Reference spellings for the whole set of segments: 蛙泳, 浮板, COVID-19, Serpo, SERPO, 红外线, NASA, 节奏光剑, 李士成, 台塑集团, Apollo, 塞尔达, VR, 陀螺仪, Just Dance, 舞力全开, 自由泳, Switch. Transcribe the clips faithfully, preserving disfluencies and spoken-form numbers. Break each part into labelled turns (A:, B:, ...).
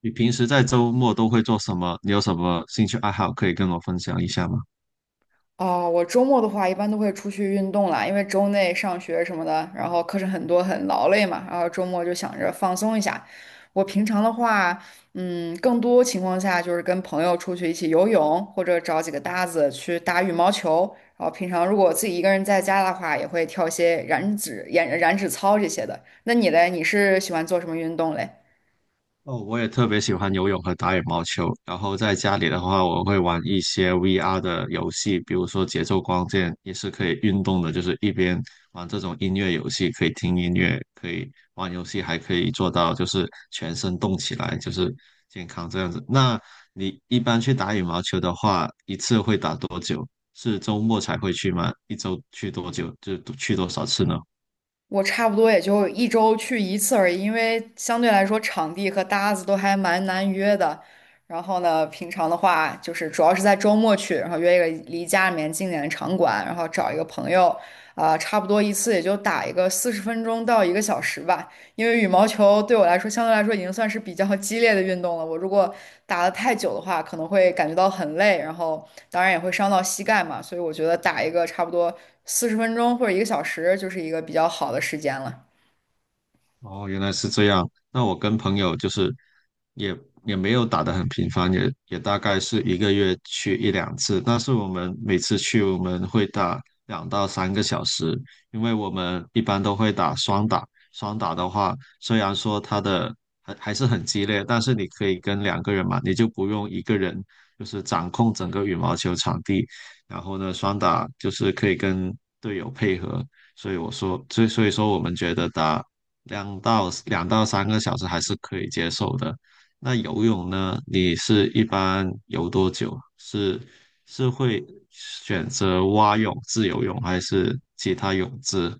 A: 你平时在周末都会做什么？你有什么兴趣爱好可以跟我分享一下吗？
B: 哦，我周末的话一般都会出去运动啦，因为周内上学什么的，然后课程很多，很劳累嘛，然后周末就想着放松一下。我平常的话，嗯，更多情况下就是跟朋友出去一起游泳，或者找几个搭子去打羽毛球。然后平常如果自己一个人在家的话，也会跳一些燃脂、燃燃脂操这些的。那你嘞，你是喜欢做什么运动嘞？
A: 哦，我也特别喜欢游泳和打羽毛球。然后在家里的话，我会玩一些 V R 的游戏，比如说节奏光剑，也是可以运动的，就是一边玩这种音乐游戏，可以听音乐，可以玩游戏，还可以做到就是全身动起来，就是健康这样子。那你一般去打羽毛球的话，一次会打多久？是周末才会去吗？一周去多久？就去多少次呢？
B: 我差不多也就一周去一次而已，因为相对来说场地和搭子都还蛮难约的。然后呢，平常的话就是主要是在周末去，然后约一个离家里面近点的场馆，然后找一个朋友，啊、差不多一次也就打一个四十分钟到一个小时吧。因为羽毛球对我来说相对来说已经算是比较激烈的运动了。我如果打的太久的话，可能会感觉到很累，然后当然也会伤到膝盖嘛。所以我觉得打一个差不多四十分钟或者一个小时，就是一个比较好的时间了。
A: 哦，原来是这样。那我跟朋友就是也也没有打得很频繁，也也大概是一个月去一两次。但是我们每次去，我们会打两到三个小时，因为我们一般都会打双打。双打的话，虽然说它的还还是很激烈，但是你可以跟两个人嘛，你就不用一个人就是掌控整个羽毛球场地。然后呢，双打就是可以跟队友配合，所以我说，所以所以说我们觉得打两到两到三个小时还是可以接受的。那游泳呢？你是一般游多久？是是会选择蛙泳、自由泳还是其他泳姿？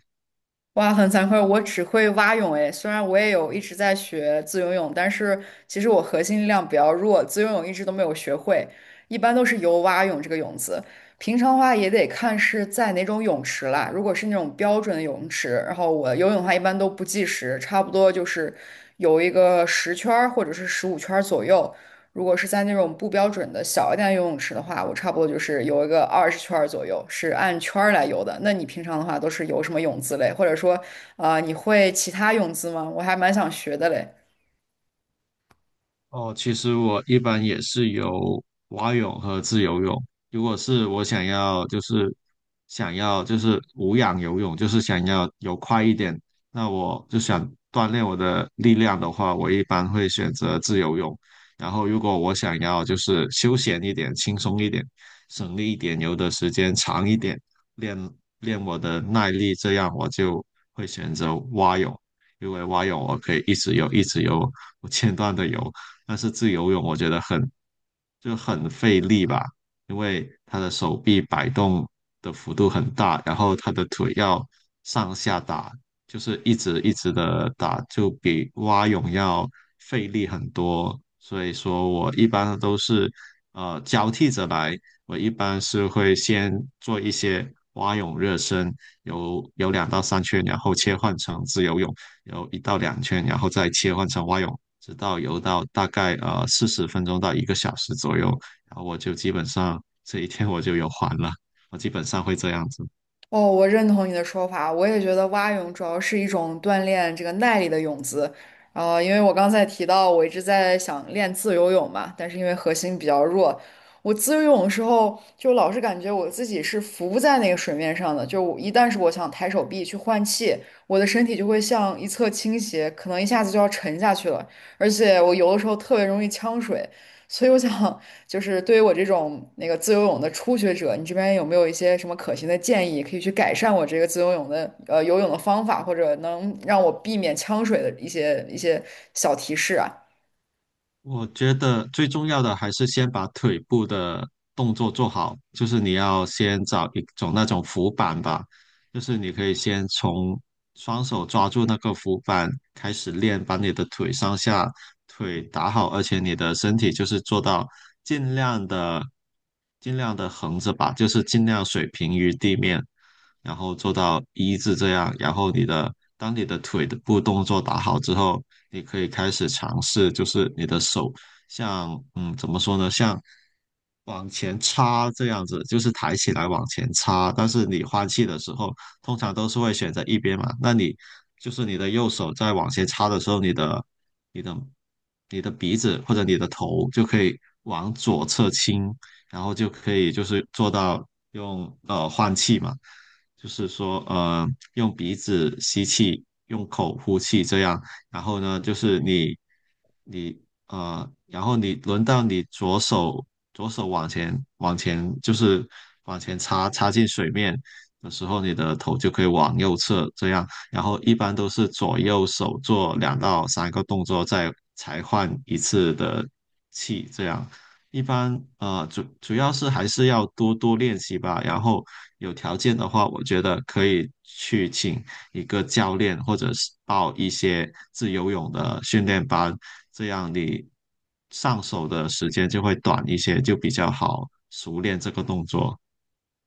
B: 哇，很惭愧，我只会蛙泳诶。虽然我也有一直在学自由泳，但是其实我核心力量比较弱，自由泳一直都没有学会，一般都是游蛙泳这个泳姿。平常的话也得看是在哪种泳池啦。如果是那种标准的泳池，然后我游泳的话一般都不计时，差不多就是游一个十圈儿或者是十五圈儿左右。如果是在那种不标准的小一点的游泳池的话，我差不多就是游一个二十圈儿左右，是按圈儿来游的。那你平常的话都是游什么泳姿嘞？或者说，啊、你会其他泳姿吗？我还蛮想学的嘞。
A: 哦，其实我一般也是游蛙泳和自由泳。如果是我想要，就是想要就是无氧游泳，就是想要游快一点，那我就想锻炼我的力量的话，我一般会选择自由泳。然后如果我想要就是休闲一点、轻松一点、省力一点、游的时间长一点，练练我的耐力，这样我就会选择蛙泳，因为蛙泳我可以一直游、一直游，不间断的游。但是自由泳我觉得很就很费力吧，因为他的手臂摆动的幅度很大，然后他的腿要上下打，就是一直一直的打，就比蛙泳要费力很多。所以说我一般都是呃交替着来，我一般是会先做一些蛙泳热身，有有两到三圈，然后切换成自由泳，有一到两圈，然后再切换成蛙泳，直到游到大概呃四十分钟到一个小时左右，然后我就基本上这一天我就游完了，我基本上会这样子。
B: 哦，我认同你的说法，我也觉得蛙泳主要是一种锻炼这个耐力的泳姿。呃，因为我刚才提到我一直在想练自由泳嘛，但是因为核心比较弱，我自由泳的时候就老是感觉我自己是浮在那个水面上的，就我一旦是我想抬手臂去换气，我的身体就会向一侧倾斜，可能一下子就要沉下去了，而且我游的时候特别容易呛水，所以我想。就是对于我这种那个自由泳的初学者，你这边有没有一些什么可行的建议，可以去改善我这个自由泳的呃游泳的方法，或者能让我避免呛水的一些一些小提示啊？
A: 我觉得最重要的还是先把腿部的动作做好，就是你要先找一种那种浮板吧，就是你可以先从双手抓住那个浮板开始练，把你的腿上下腿打好，而且你的身体就是做到尽量的尽量的横着吧，就是尽量水平于地面，然后做到一字这样，然后你的当你的腿的部动作打好之后，你可以开始尝试，就是你的手像嗯怎么说呢，像往前插这样子，就是抬起来往前插。但是你换气的时候，通常都是会选择一边嘛，那你就是你的右手在往前插的时候，你的你的你的鼻子或者你的头就可以往左侧倾，然后就可以就是做到用呃换气嘛。就是说，呃，用鼻子吸气，用口呼气，这样。然后呢，就是你，你，呃，然后你轮到你左手，左手往前，往前，就是往前插，插进水面的时候，你的头就可以往右侧这样。然后一般都是左右手做两到三个动作，再才换一次的气，这样。一般呃主主要是还是要多多练习吧，然后有条件的话，我觉得可以去请一个教练，或者是报一些自由泳的训练班，这样你上手的时间就会短一些，就比较好熟练这个动作。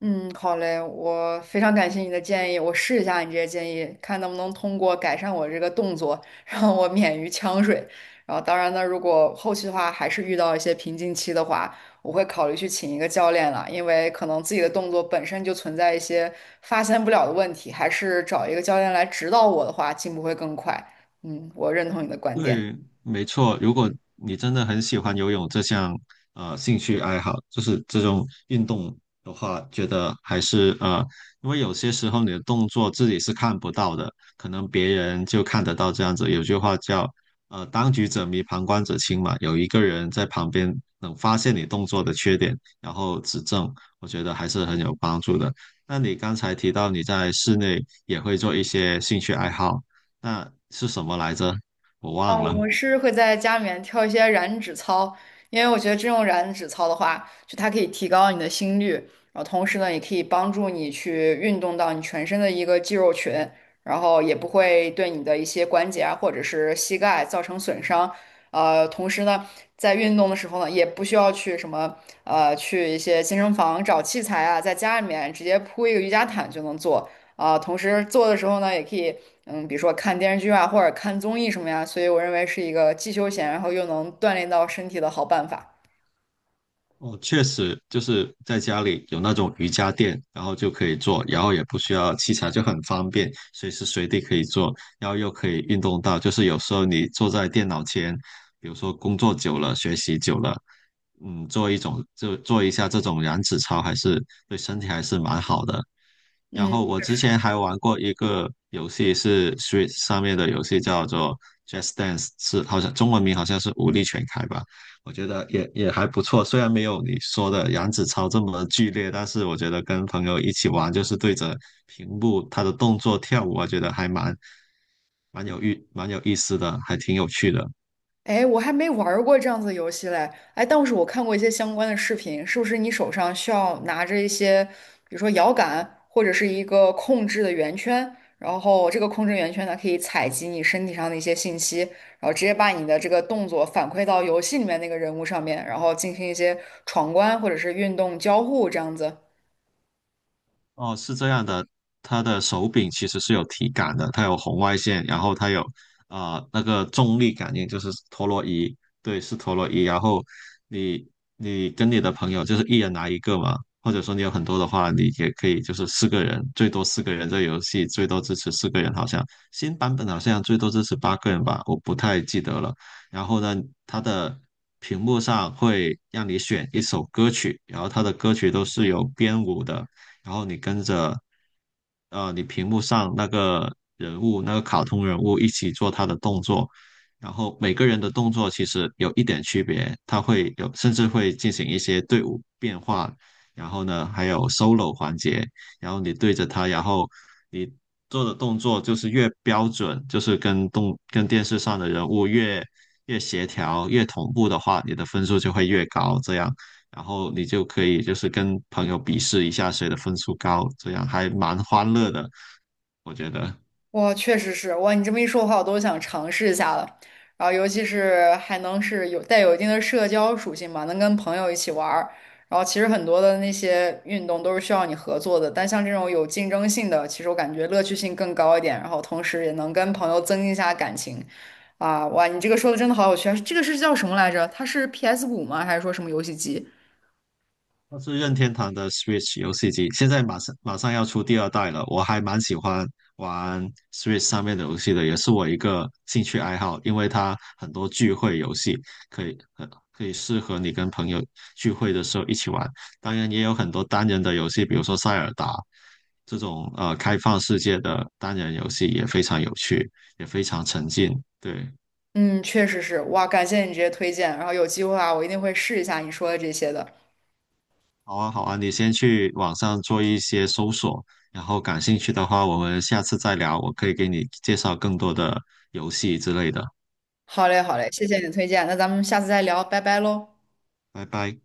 B: 嗯，好嘞，我非常感谢你的建议，我试一下你这些建议，看能不能通过改善我这个动作，让我免于呛水。然后，当然呢，如果后期的话还是遇到一些瓶颈期的话，我会考虑去请一个教练了，因为可能自己的动作本身就存在一些发现不了的问题，还是找一个教练来指导我的话，进步会更快。嗯，我认同你的观点。
A: 对，没错。如果你真的很喜欢游泳这项呃兴趣爱好，就是这种运动的话，觉得还是呃，因为有些时候你的动作自己是看不到的，可能别人就看得到这样子。有句话叫呃“当局者迷，旁观者清”嘛，有一个人在旁边能发现你动作的缺点，然后指正，我觉得还是很有帮助的。那你刚才提到你在室内也会做一些兴趣爱好，那是什么来着？我
B: 啊，
A: 忘了。
B: 我是会在家里面跳一些燃脂操，因为我觉得这种燃脂操的话，就它可以提高你的心率，然后同时呢，也可以帮助你去运动到你全身的一个肌肉群，然后也不会对你的一些关节啊或者是膝盖造成损伤。呃，同时呢，在运动的时候呢，也不需要去什么呃去一些健身房找器材啊，在家里面直接铺一个瑜伽毯就能做。啊、同时做的时候呢，也可以，嗯，比如说看电视剧啊，或者看综艺什么呀，所以我认为是一个既休闲，然后又能锻炼到身体的好办法。
A: 哦，确实就是在家里有那种瑜伽垫，然后就可以做，然后也不需要器材，就很方便，随时随地可以做，然后又可以运动到。就是有时候你坐在电脑前，比如说工作久了、学习久了，嗯，做一种就做一下这种燃脂操，还是对身体还是蛮好的。然
B: 嗯。
A: 后我之前还玩过一个游戏，是 Switch 上面的游戏，叫做 Just Dance,是好像中文名好像是舞力全开吧。我觉得也也还不错，虽然没有你说的杨子超这么剧烈，但是我觉得跟朋友一起玩，就是对着屏幕他的动作跳舞，我觉得还蛮蛮有意蛮有意思的，还挺有趣的。
B: 哎，我还没玩儿过这样子的游戏嘞。哎，但是我看过一些相关的视频，是不是你手上需要拿着一些，比如说摇杆或者是一个控制的圆圈，然后这个控制圆圈呢可以采集你身体上的一些信息，然后直接把你的这个动作反馈到游戏里面那个人物上面，然后进行一些闯关或者是运动交互这样子。
A: 哦，是这样的，它的手柄其实是有体感的，它有红外线，然后它有啊、呃那个重力感应，就是陀螺仪，对，是陀螺仪。然后你你跟你的朋友就是一人拿一个嘛，或者说你有很多的话，你也可以就是四个人，最多四个人，这游戏最多支持四个人，好像新版本好像最多支持八个人吧，我不太记得了。然后呢，它的屏幕上会让你选一首歌曲，然后它的歌曲都是有编舞的。然后你跟着呃你屏幕上那个人物那个卡通人物一起做他的动作，然后每个人的动作其实有一点区别，他会有甚至会进行一些队伍变化，然后呢还有 solo 环节，然后你对着他，然后你做的动作就是越标准，就是跟动跟电视上的人物越越协调越同步的话，你的分数就会越高，这样。然后你就可以就是跟朋友比试一下谁的分数高，这样还蛮欢乐的，我觉得。
B: 哇，确实是哇！你这么一说的话，我都想尝试一下了。然后，尤其是还能是有带有一定的社交属性嘛，能跟朋友一起玩儿。然后，其实很多的那些运动都是需要你合作的，但像这种有竞争性的，其实我感觉乐趣性更高一点。然后，同时也能跟朋友增进一下感情。啊，哇，你这个说的真的好有趣啊！这个是叫什么来着？它是 P S 五 五吗？还是说什么游戏机？
A: 它是任天堂的 Switch 游戏机，现在马上马上要出第二代了，我还蛮喜欢玩 Switch 上面的游戏的，也是我一个兴趣爱好，因为它很多聚会游戏可以很可以适合你跟朋友聚会的时候一起玩，当然也有很多单人的游戏，比如说塞尔达这种呃开放世界的单人游戏也非常有趣，也非常沉浸，对。
B: 嗯，确实是哇，感谢你这些推荐。然后有机会啊，我一定会试一下你说的这些的。
A: 好啊，好啊，你先去网上做一些搜索，然后感兴趣的话，我们下次再聊，我可以给你介绍更多的游戏之类的。
B: 好嘞，好嘞，谢谢你的推荐，那咱们下次再聊，拜拜喽。
A: 拜拜。